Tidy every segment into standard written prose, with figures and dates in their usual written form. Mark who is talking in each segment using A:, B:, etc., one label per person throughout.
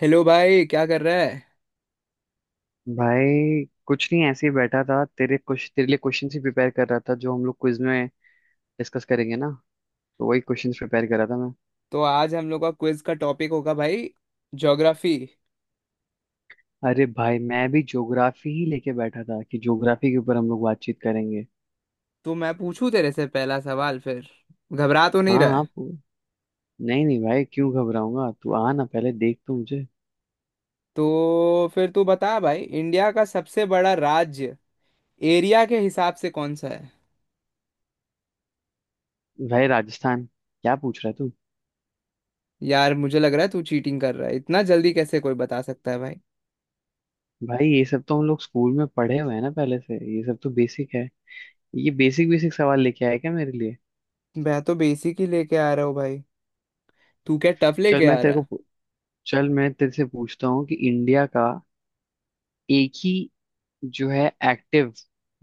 A: Hello भाई, क्या कर रहा है?
B: भाई कुछ नहीं। ऐसे ही बैठा था। तेरे लिए क्वेश्चन ही प्रिपेयर कर रहा था जो हम लोग क्विज में डिस्कस करेंगे ना। तो वही क्वेश्चंस प्रिपेयर कर रहा था मैं।
A: तो आज हम लोग का क्विज का टॉपिक होगा भाई, ज्योग्राफी।
B: अरे भाई मैं भी ज्योग्राफी ही लेके बैठा था कि ज्योग्राफी के ऊपर हम लोग बातचीत करेंगे।
A: तो मैं पूछूं तेरे से पहला सवाल फिर। घबरा तो नहीं
B: हाँ,
A: रहा
B: हाँ,
A: है?
B: नहीं नहीं भाई क्यों घबराऊंगा। तू आ ना पहले देख तो मुझे।
A: तो फिर तू बता भाई, इंडिया का सबसे बड़ा राज्य एरिया के हिसाब से कौन सा है?
B: भाई राजस्थान। क्या पूछ रहा है तू?
A: यार मुझे लग रहा है तू चीटिंग कर रहा है। इतना जल्दी कैसे कोई बता सकता है भाई?
B: भाई ये सब तो हम लोग स्कूल में पढ़े हुए हैं ना पहले से। ये सब तो बेसिक है। ये बेसिक बेसिक सवाल लेके आया क्या मेरे लिए?
A: मैं तो बेसिक ही लेके आ रहा हूँ भाई। तू क्या टफ
B: चल
A: लेके
B: मैं
A: आ रहा
B: तेरे को
A: है?
B: पू- चल मैं तेरे से पूछता हूँ कि इंडिया का एक ही जो है एक्टिव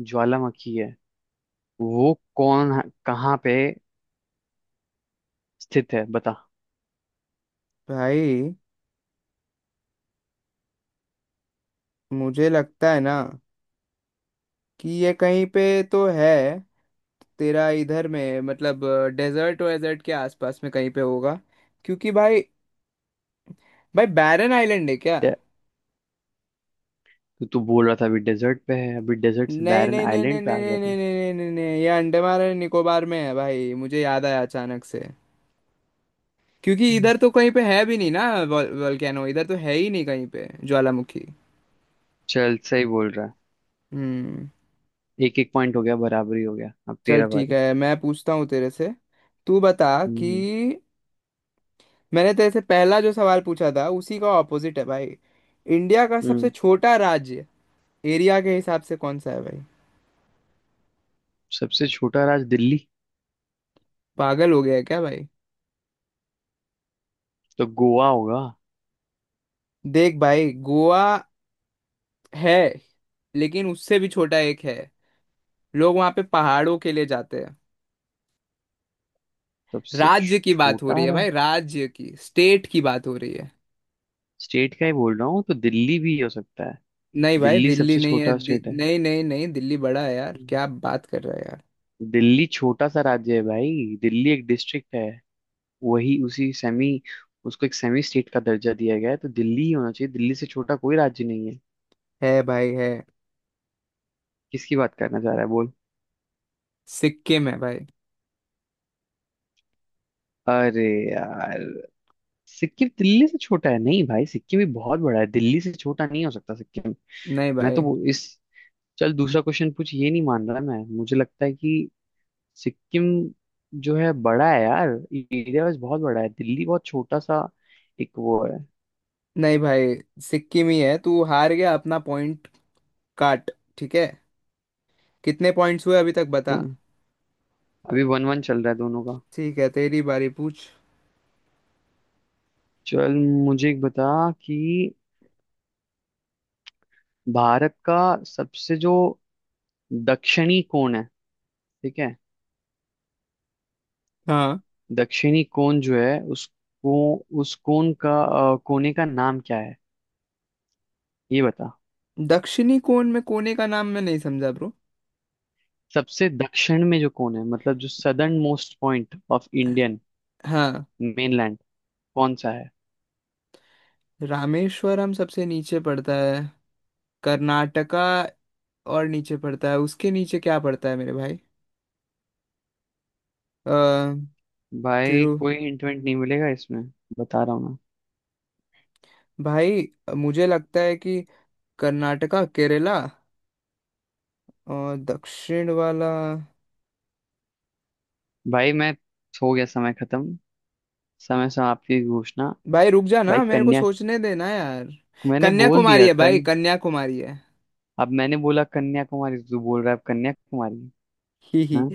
B: ज्वालामुखी है वो कहाँ पे स्थित है बता।
A: भाई मुझे लगता है ना कि ये कहीं पे तो है तेरा इधर में मतलब, डेजर्ट वेजर्ट के आसपास में कहीं पे होगा। क्योंकि भाई, भाई बैरन आइलैंड है क्या?
B: डे- तू तू बोल रहा था अभी डेजर्ट पे है। अभी डेजर्ट से
A: नहीं
B: बैरन
A: नहीं नहीं नहीं
B: आइलैंड पे
A: नहीं
B: आ गया
A: नहीं
B: तू?
A: नहीं नहीं नहीं नहीं, ये अंडमान और निकोबार में है भाई। मुझे याद आया अचानक से, क्योंकि
B: हम्म।
A: इधर तो कहीं पे है भी नहीं ना। वोल्केनो इधर तो है ही नहीं कहीं पे, ज्वालामुखी।
B: चल सही बोल रहा है।
A: हम्म।
B: एक एक पॉइंट हो गया। बराबरी हो गया। अब
A: चल
B: तेरा
A: ठीक
B: बारी।
A: है, मैं पूछता हूँ तेरे से। तू बता
B: हम्म,
A: कि मैंने तेरे से पहला जो सवाल पूछा था उसी का ऑपोजिट है भाई। इंडिया का सबसे
B: हम्म।
A: छोटा राज्य एरिया के हिसाब से कौन सा है भाई?
B: सबसे छोटा राज्य दिल्ली।
A: पागल हो गया है क्या भाई?
B: तो गोवा होगा।
A: देख भाई, गोवा है, लेकिन उससे भी छोटा एक है। लोग वहां पे पहाड़ों के लिए जाते हैं।
B: सबसे
A: राज्य की बात हो रही
B: छोटा
A: है भाई,
B: राज्य।
A: राज्य की, स्टेट की बात हो रही है।
B: स्टेट का ही बोल रहा हूँ तो दिल्ली भी हो सकता है।
A: नहीं भाई,
B: दिल्ली
A: दिल्ली
B: सबसे
A: नहीं है।
B: छोटा
A: दि...
B: स्टेट है।
A: नहीं नहीं नहीं, दिल्ली बड़ा है यार।
B: हम्म।
A: क्या बात कर रहा है यार!
B: दिल्ली छोटा सा राज्य है भाई। दिल्ली एक डिस्ट्रिक्ट है। वही उसी सेमी उसको एक सेमी स्टेट का दर्जा दिया गया है। तो दिल्ली ही होना चाहिए। दिल्ली से छोटा कोई राज्य नहीं है।
A: है भाई, है।
B: किसकी बात करना चाह रहा है बोल?
A: सिक्किम है भाई।
B: अरे यार। सिक्किम दिल्ली से छोटा है नहीं भाई। सिक्किम भी बहुत बड़ा है। दिल्ली से छोटा नहीं हो सकता सिक्किम।
A: नहीं
B: मैं तो
A: भाई,
B: वो इस। चल दूसरा क्वेश्चन पूछ। ये नहीं मान रहा मैं। मुझे लगता है कि सिक्किम जो है बड़ा है यार। एरिया वाइज बहुत बड़ा है। दिल्ली बहुत छोटा सा एक वो है।
A: नहीं भाई, सिक्किम ही है। तू हार गया अपना पॉइंट काट। ठीक है, कितने पॉइंट्स हुए अभी तक बता।
B: तो अभी वन वन चल रहा है दोनों का।
A: ठीक है, तेरी बारी पूछ।
B: चल मुझे एक बता कि भारत का सबसे जो दक्षिणी कोण है, ठीक है।
A: हाँ।
B: दक्षिणी कोण जो है उसको उस कोण का, कोने का नाम क्या है ये बता।
A: दक्षिणी कोण में कोने का नाम मैं नहीं समझा ब्रो।
B: सबसे दक्षिण में जो कोण है मतलब जो southern most point of Indian
A: हाँ।
B: मेनलैंड कौन सा है?
A: रामेश्वरम सबसे नीचे पड़ता है। कर्नाटका और नीचे पड़ता है, उसके नीचे क्या पड़ता है मेरे भाई? अ
B: भाई
A: तिरु।
B: कोई हिंट विंट नहीं मिलेगा इसमें। बता रहा हूँ ना।
A: भाई मुझे लगता है कि कर्नाटका, केरला, और दक्षिण वाला।
B: भाई मैं हो गया समय खत्म। समय समाप्ति की घोषणा।
A: भाई रुक जा ना,
B: भाई
A: मेरे को
B: कन्या,
A: सोचने देना यार।
B: मैंने बोल
A: कन्याकुमारी
B: दिया
A: है भाई,
B: कन।
A: कन्याकुमारी है।
B: अब मैंने बोला कन्याकुमारी तो तू बोल रहा है अब कन्याकुमारी।
A: ही ही।
B: हाँ।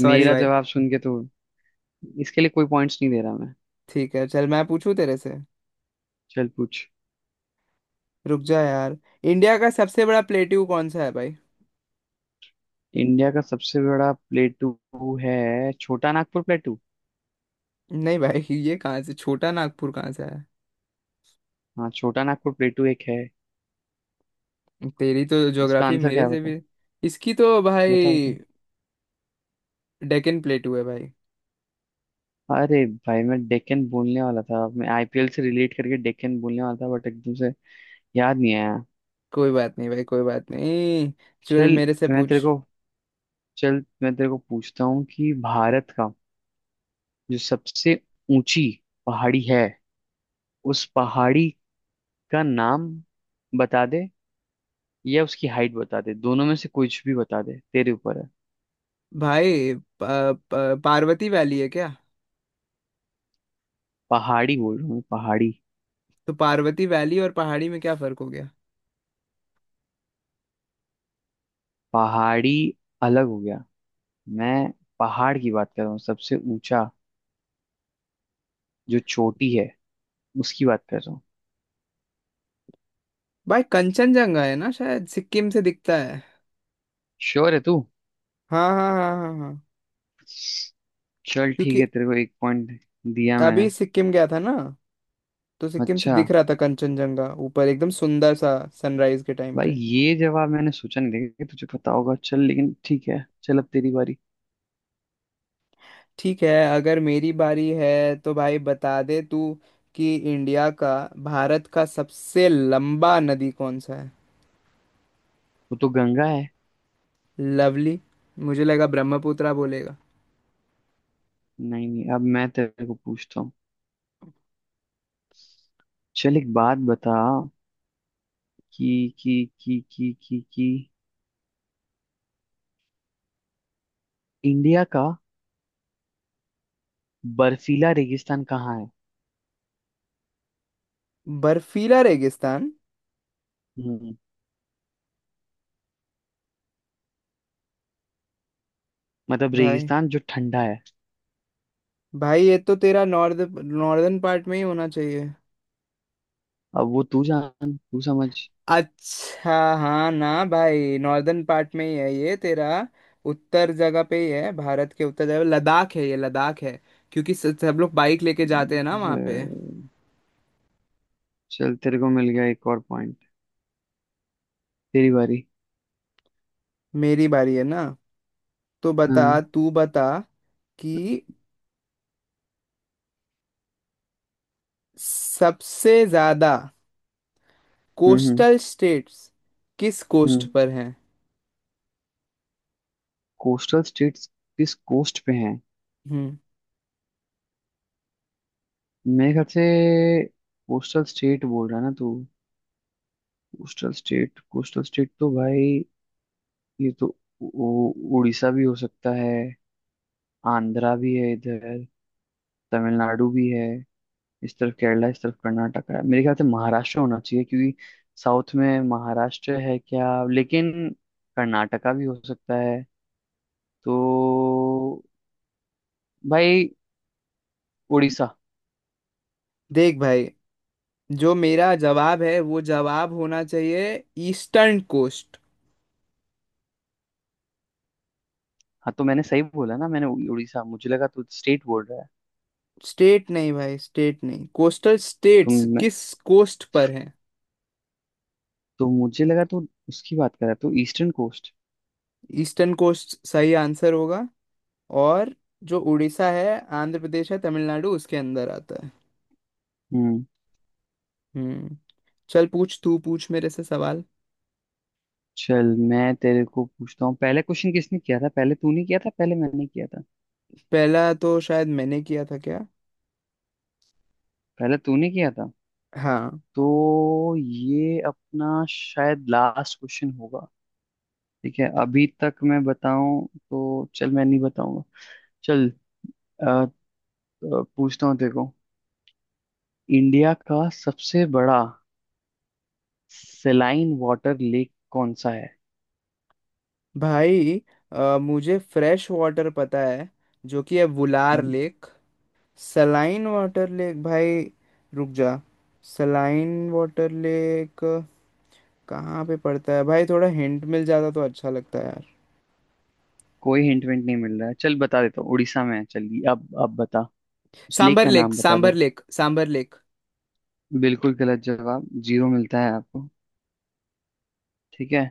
A: सॉरी
B: मेरा
A: भाई।
B: जवाब सुन के तो इसके लिए कोई पॉइंट्स नहीं दे रहा मैं।
A: ठीक है, चल मैं पूछूं तेरे से।
B: चल पूछ।
A: रुक जा यार। इंडिया का सबसे बड़ा प्लेट्यू कौन सा है भाई?
B: इंडिया का सबसे बड़ा प्लेटू है छोटा नागपुर प्लेटू।
A: नहीं भाई, ये कहाँ से छोटा नागपुर कहाँ से है?
B: हाँ छोटा नागपुर प्लेटू एक है।
A: तेरी तो
B: इसका
A: ज्योग्राफी
B: आंसर क्या
A: मेरे
B: है?
A: से
B: बता,
A: भी, इसकी तो
B: बता,
A: भाई,
B: बता।
A: डेक्कन प्लेटू है भाई।
B: अरे भाई मैं डेक्कन बोलने वाला था। मैं आईपीएल से रिलेट करके डेक्कन बोलने वाला था बट एकदम से याद नहीं आया।
A: कोई बात नहीं भाई, कोई बात नहीं। चल
B: चल
A: मेरे से
B: मैं
A: पूछ।
B: तेरे को चल मैं तेरे को पूछता हूँ कि भारत का जो सबसे ऊंची पहाड़ी है उस पहाड़ी का नाम बता दे या उसकी हाइट बता दे। दोनों में से कुछ भी बता दे, तेरे ऊपर है।
A: भाई प, प, पार्वती वैली है क्या?
B: पहाड़ी बोल रहा हूँ मैं, पहाड़ी।
A: तो पार्वती वैली और पहाड़ी में क्या फर्क हो गया?
B: पहाड़ी अलग हो गया। मैं पहाड़ की बात कर रहा हूँ, सबसे ऊंचा जो चोटी है उसकी बात कर रहा हूँ।
A: भाई कंचनजंगा है ना, शायद सिक्किम से दिखता है।
B: श्योर है तू?
A: हाँ हाँ हाँ हाँ हाँ।
B: चल ठीक
A: क्योंकि
B: है, तेरे को एक पॉइंट दिया
A: अभी
B: मैंने।
A: सिक्किम गया था ना, तो सिक्किम से
B: अच्छा।
A: दिख रहा था कंचनजंगा ऊपर एकदम सुंदर सा, सनराइज के टाइम
B: भाई
A: पे।
B: ये जवाब मैंने सोचा नहीं था कि तुझे पता होगा। चल लेकिन ठीक है। चल अब तेरी बारी।
A: ठीक है, अगर मेरी बारी है तो भाई बता दे तू कि इंडिया का, भारत का सबसे लंबा नदी कौन सा है?
B: वो तो गंगा है।
A: लवली। मुझे लगा ब्रह्मपुत्रा बोलेगा।
B: नहीं नहीं, अब मैं तेरे को पूछता हूँ। चल एक बात बता कि कि कि इंडिया का बर्फीला रेगिस्तान कहाँ है।
A: बर्फीला रेगिस्तान।
B: हम्म मतलब
A: भाई,
B: रेगिस्तान जो ठंडा है।
A: भाई ये तो तेरा नॉर्थ, नॉर्दर्न पार्ट में ही होना चाहिए।
B: अब वो तू जान, तू समझ।
A: अच्छा हाँ ना भाई, नॉर्दर्न पार्ट में ही है ये तेरा। उत्तर जगह पे ही है, भारत के उत्तर जगह लद्दाख है, ये लद्दाख है। क्योंकि सब लोग बाइक लेके जाते हैं ना वहाँ
B: अ,
A: पे।
B: चल तेरे को मिल गया एक और पॉइंट। तेरी बारी।
A: मेरी बारी है ना? तो बता,
B: हाँ।
A: तू बता कि सबसे ज्यादा
B: हम्म, हम्म,
A: कोस्टल स्टेट्स किस कोस्ट
B: हम्म।
A: पर हैं?
B: कोस्टल स्टेट्स किस कोस्ट पे हैं?
A: हम्म।
B: मेरे ख्याल से, कोस्टल स्टेट बोल रहा है ना तू? कोस्टल स्टेट, कोस्टल स्टेट तो भाई ये तो उड़ीसा भी हो सकता है। आंध्रा भी है इधर। तमिलनाडु भी है। इस तरफ केरला, इस तरफ कर्नाटक है। मेरे ख्याल से महाराष्ट्र होना चाहिए क्योंकि साउथ में महाराष्ट्र है क्या लेकिन। कर्नाटका भी हो सकता है। तो भाई उड़ीसा।
A: देख भाई, जो मेरा जवाब है वो जवाब होना चाहिए, ईस्टर्न कोस्ट।
B: हाँ तो मैंने सही बोला ना। मैंने उड़ीसा, मुझे लगा तू स्टेट बोल रहा है।
A: स्टेट नहीं भाई, स्टेट नहीं, कोस्टल
B: तो
A: स्टेट्स
B: मैं
A: किस कोस्ट पर हैं।
B: तो मुझे लगा तू उसकी बात कर रहा है, तो ईस्टर्न कोस्ट।
A: ईस्टर्न कोस्ट सही आंसर होगा। और जो उड़ीसा है, आंध्र प्रदेश है, तमिलनाडु, उसके अंदर आता है।
B: हम्म।
A: हम्म। चल पूछ, तू पूछ मेरे से सवाल।
B: चल मैं तेरे को पूछता हूँ, पहले क्वेश्चन किसने किया था? पहले तूने किया था पहले मैंने किया था?
A: पहला तो शायद मैंने किया था, क्या?
B: पहले तूने किया था।
A: हाँ।
B: तो ये अपना शायद लास्ट क्वेश्चन होगा। ठीक है, अभी तक मैं बताऊं तो चल मैं नहीं बताऊंगा। चल अ, अ, पूछता हूँ देखो। इंडिया का सबसे बड़ा सेलाइन वाटर लेक कौन सा है?
A: भाई मुझे फ्रेश वाटर पता है, जो कि है वुलार
B: हम्म,
A: लेक। सलाइन वाटर लेक भाई, रुक जा। सलाइन वाटर लेक कहाँ पे पड़ता है भाई? थोड़ा हिंट मिल जाता तो अच्छा लगता है यार।
B: कोई हिंट विंट नहीं मिल रहा है। चल बता देता हूँ, उड़ीसा में है। चलिए अब बता, उस लेक
A: सांबर
B: का
A: लेक,
B: नाम बता दे।
A: Sambhar lake, Sambhar lake.
B: बिल्कुल गलत जवाब, जीरो मिलता है आपको। ठीक है,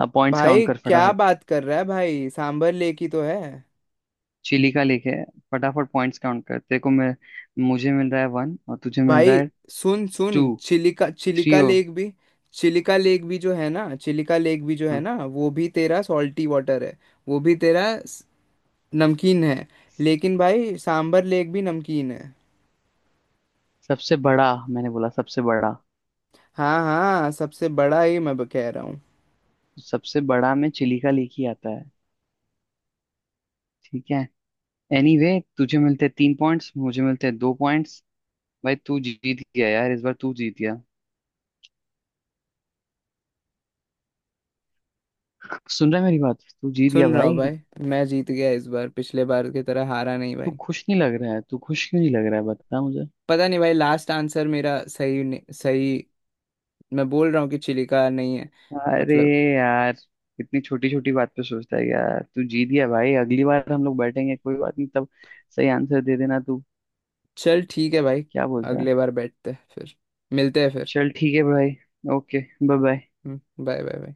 B: अब पॉइंट्स
A: भाई
B: काउंट कर
A: क्या
B: फटाफट।
A: बात कर रहा है भाई, सांबर लेक ही तो है
B: चिली का लेके। फटाफट पॉइंट्स काउंट कर, तेरे को मैं। मुझे मिल रहा है वन और तुझे मिल रहा
A: भाई।
B: है
A: सुन सुन,
B: टू,
A: चिलिका,
B: थ्री
A: चिलिका
B: हो।
A: लेक भी, चिलिका लेक भी जो है ना, चिलिका लेक भी जो है
B: हाँ
A: ना, वो भी तेरा सॉल्टी वाटर है। वो भी तेरा नमकीन है। लेकिन भाई, सांबर लेक भी नमकीन है।
B: सबसे बड़ा, मैंने बोला सबसे बड़ा।
A: हाँ हाँ, सबसे बड़ा ही मैं कह रहा हूँ।
B: सबसे बड़ा में चिली का लेके आता है। ठीक है, एनीवे। तुझे मिलते तीन पॉइंट्स, मुझे मिलते दो पॉइंट्स। भाई तू जीत गया यार, इस बार तू जीत गया। सुन रहा है मेरी बात? तू जीत गया
A: सुन रहा हूँ
B: भाई।
A: भाई। मैं जीत गया इस बार, पिछले बार की तरह हारा नहीं
B: तू
A: भाई।
B: खुश नहीं लग रहा है। तू खुश क्यों नहीं लग रहा है, बता मुझे।
A: पता नहीं भाई, लास्ट आंसर मेरा सही नहीं- सही, मैं बोल रहा हूँ कि चिलिका नहीं है,
B: अरे
A: मतलब।
B: यार, इतनी छोटी छोटी बात पे सोचता है यार। तू जीत गया भाई, अगली बार हम लोग बैठेंगे कोई बात नहीं। तब सही आंसर दे देना तू।
A: चल ठीक है भाई,
B: क्या बोलता है?
A: अगले बार बैठते हैं फिर, मिलते हैं फिर।
B: चल ठीक है भाई। Okay. Bye bye.
A: Bye bye bye.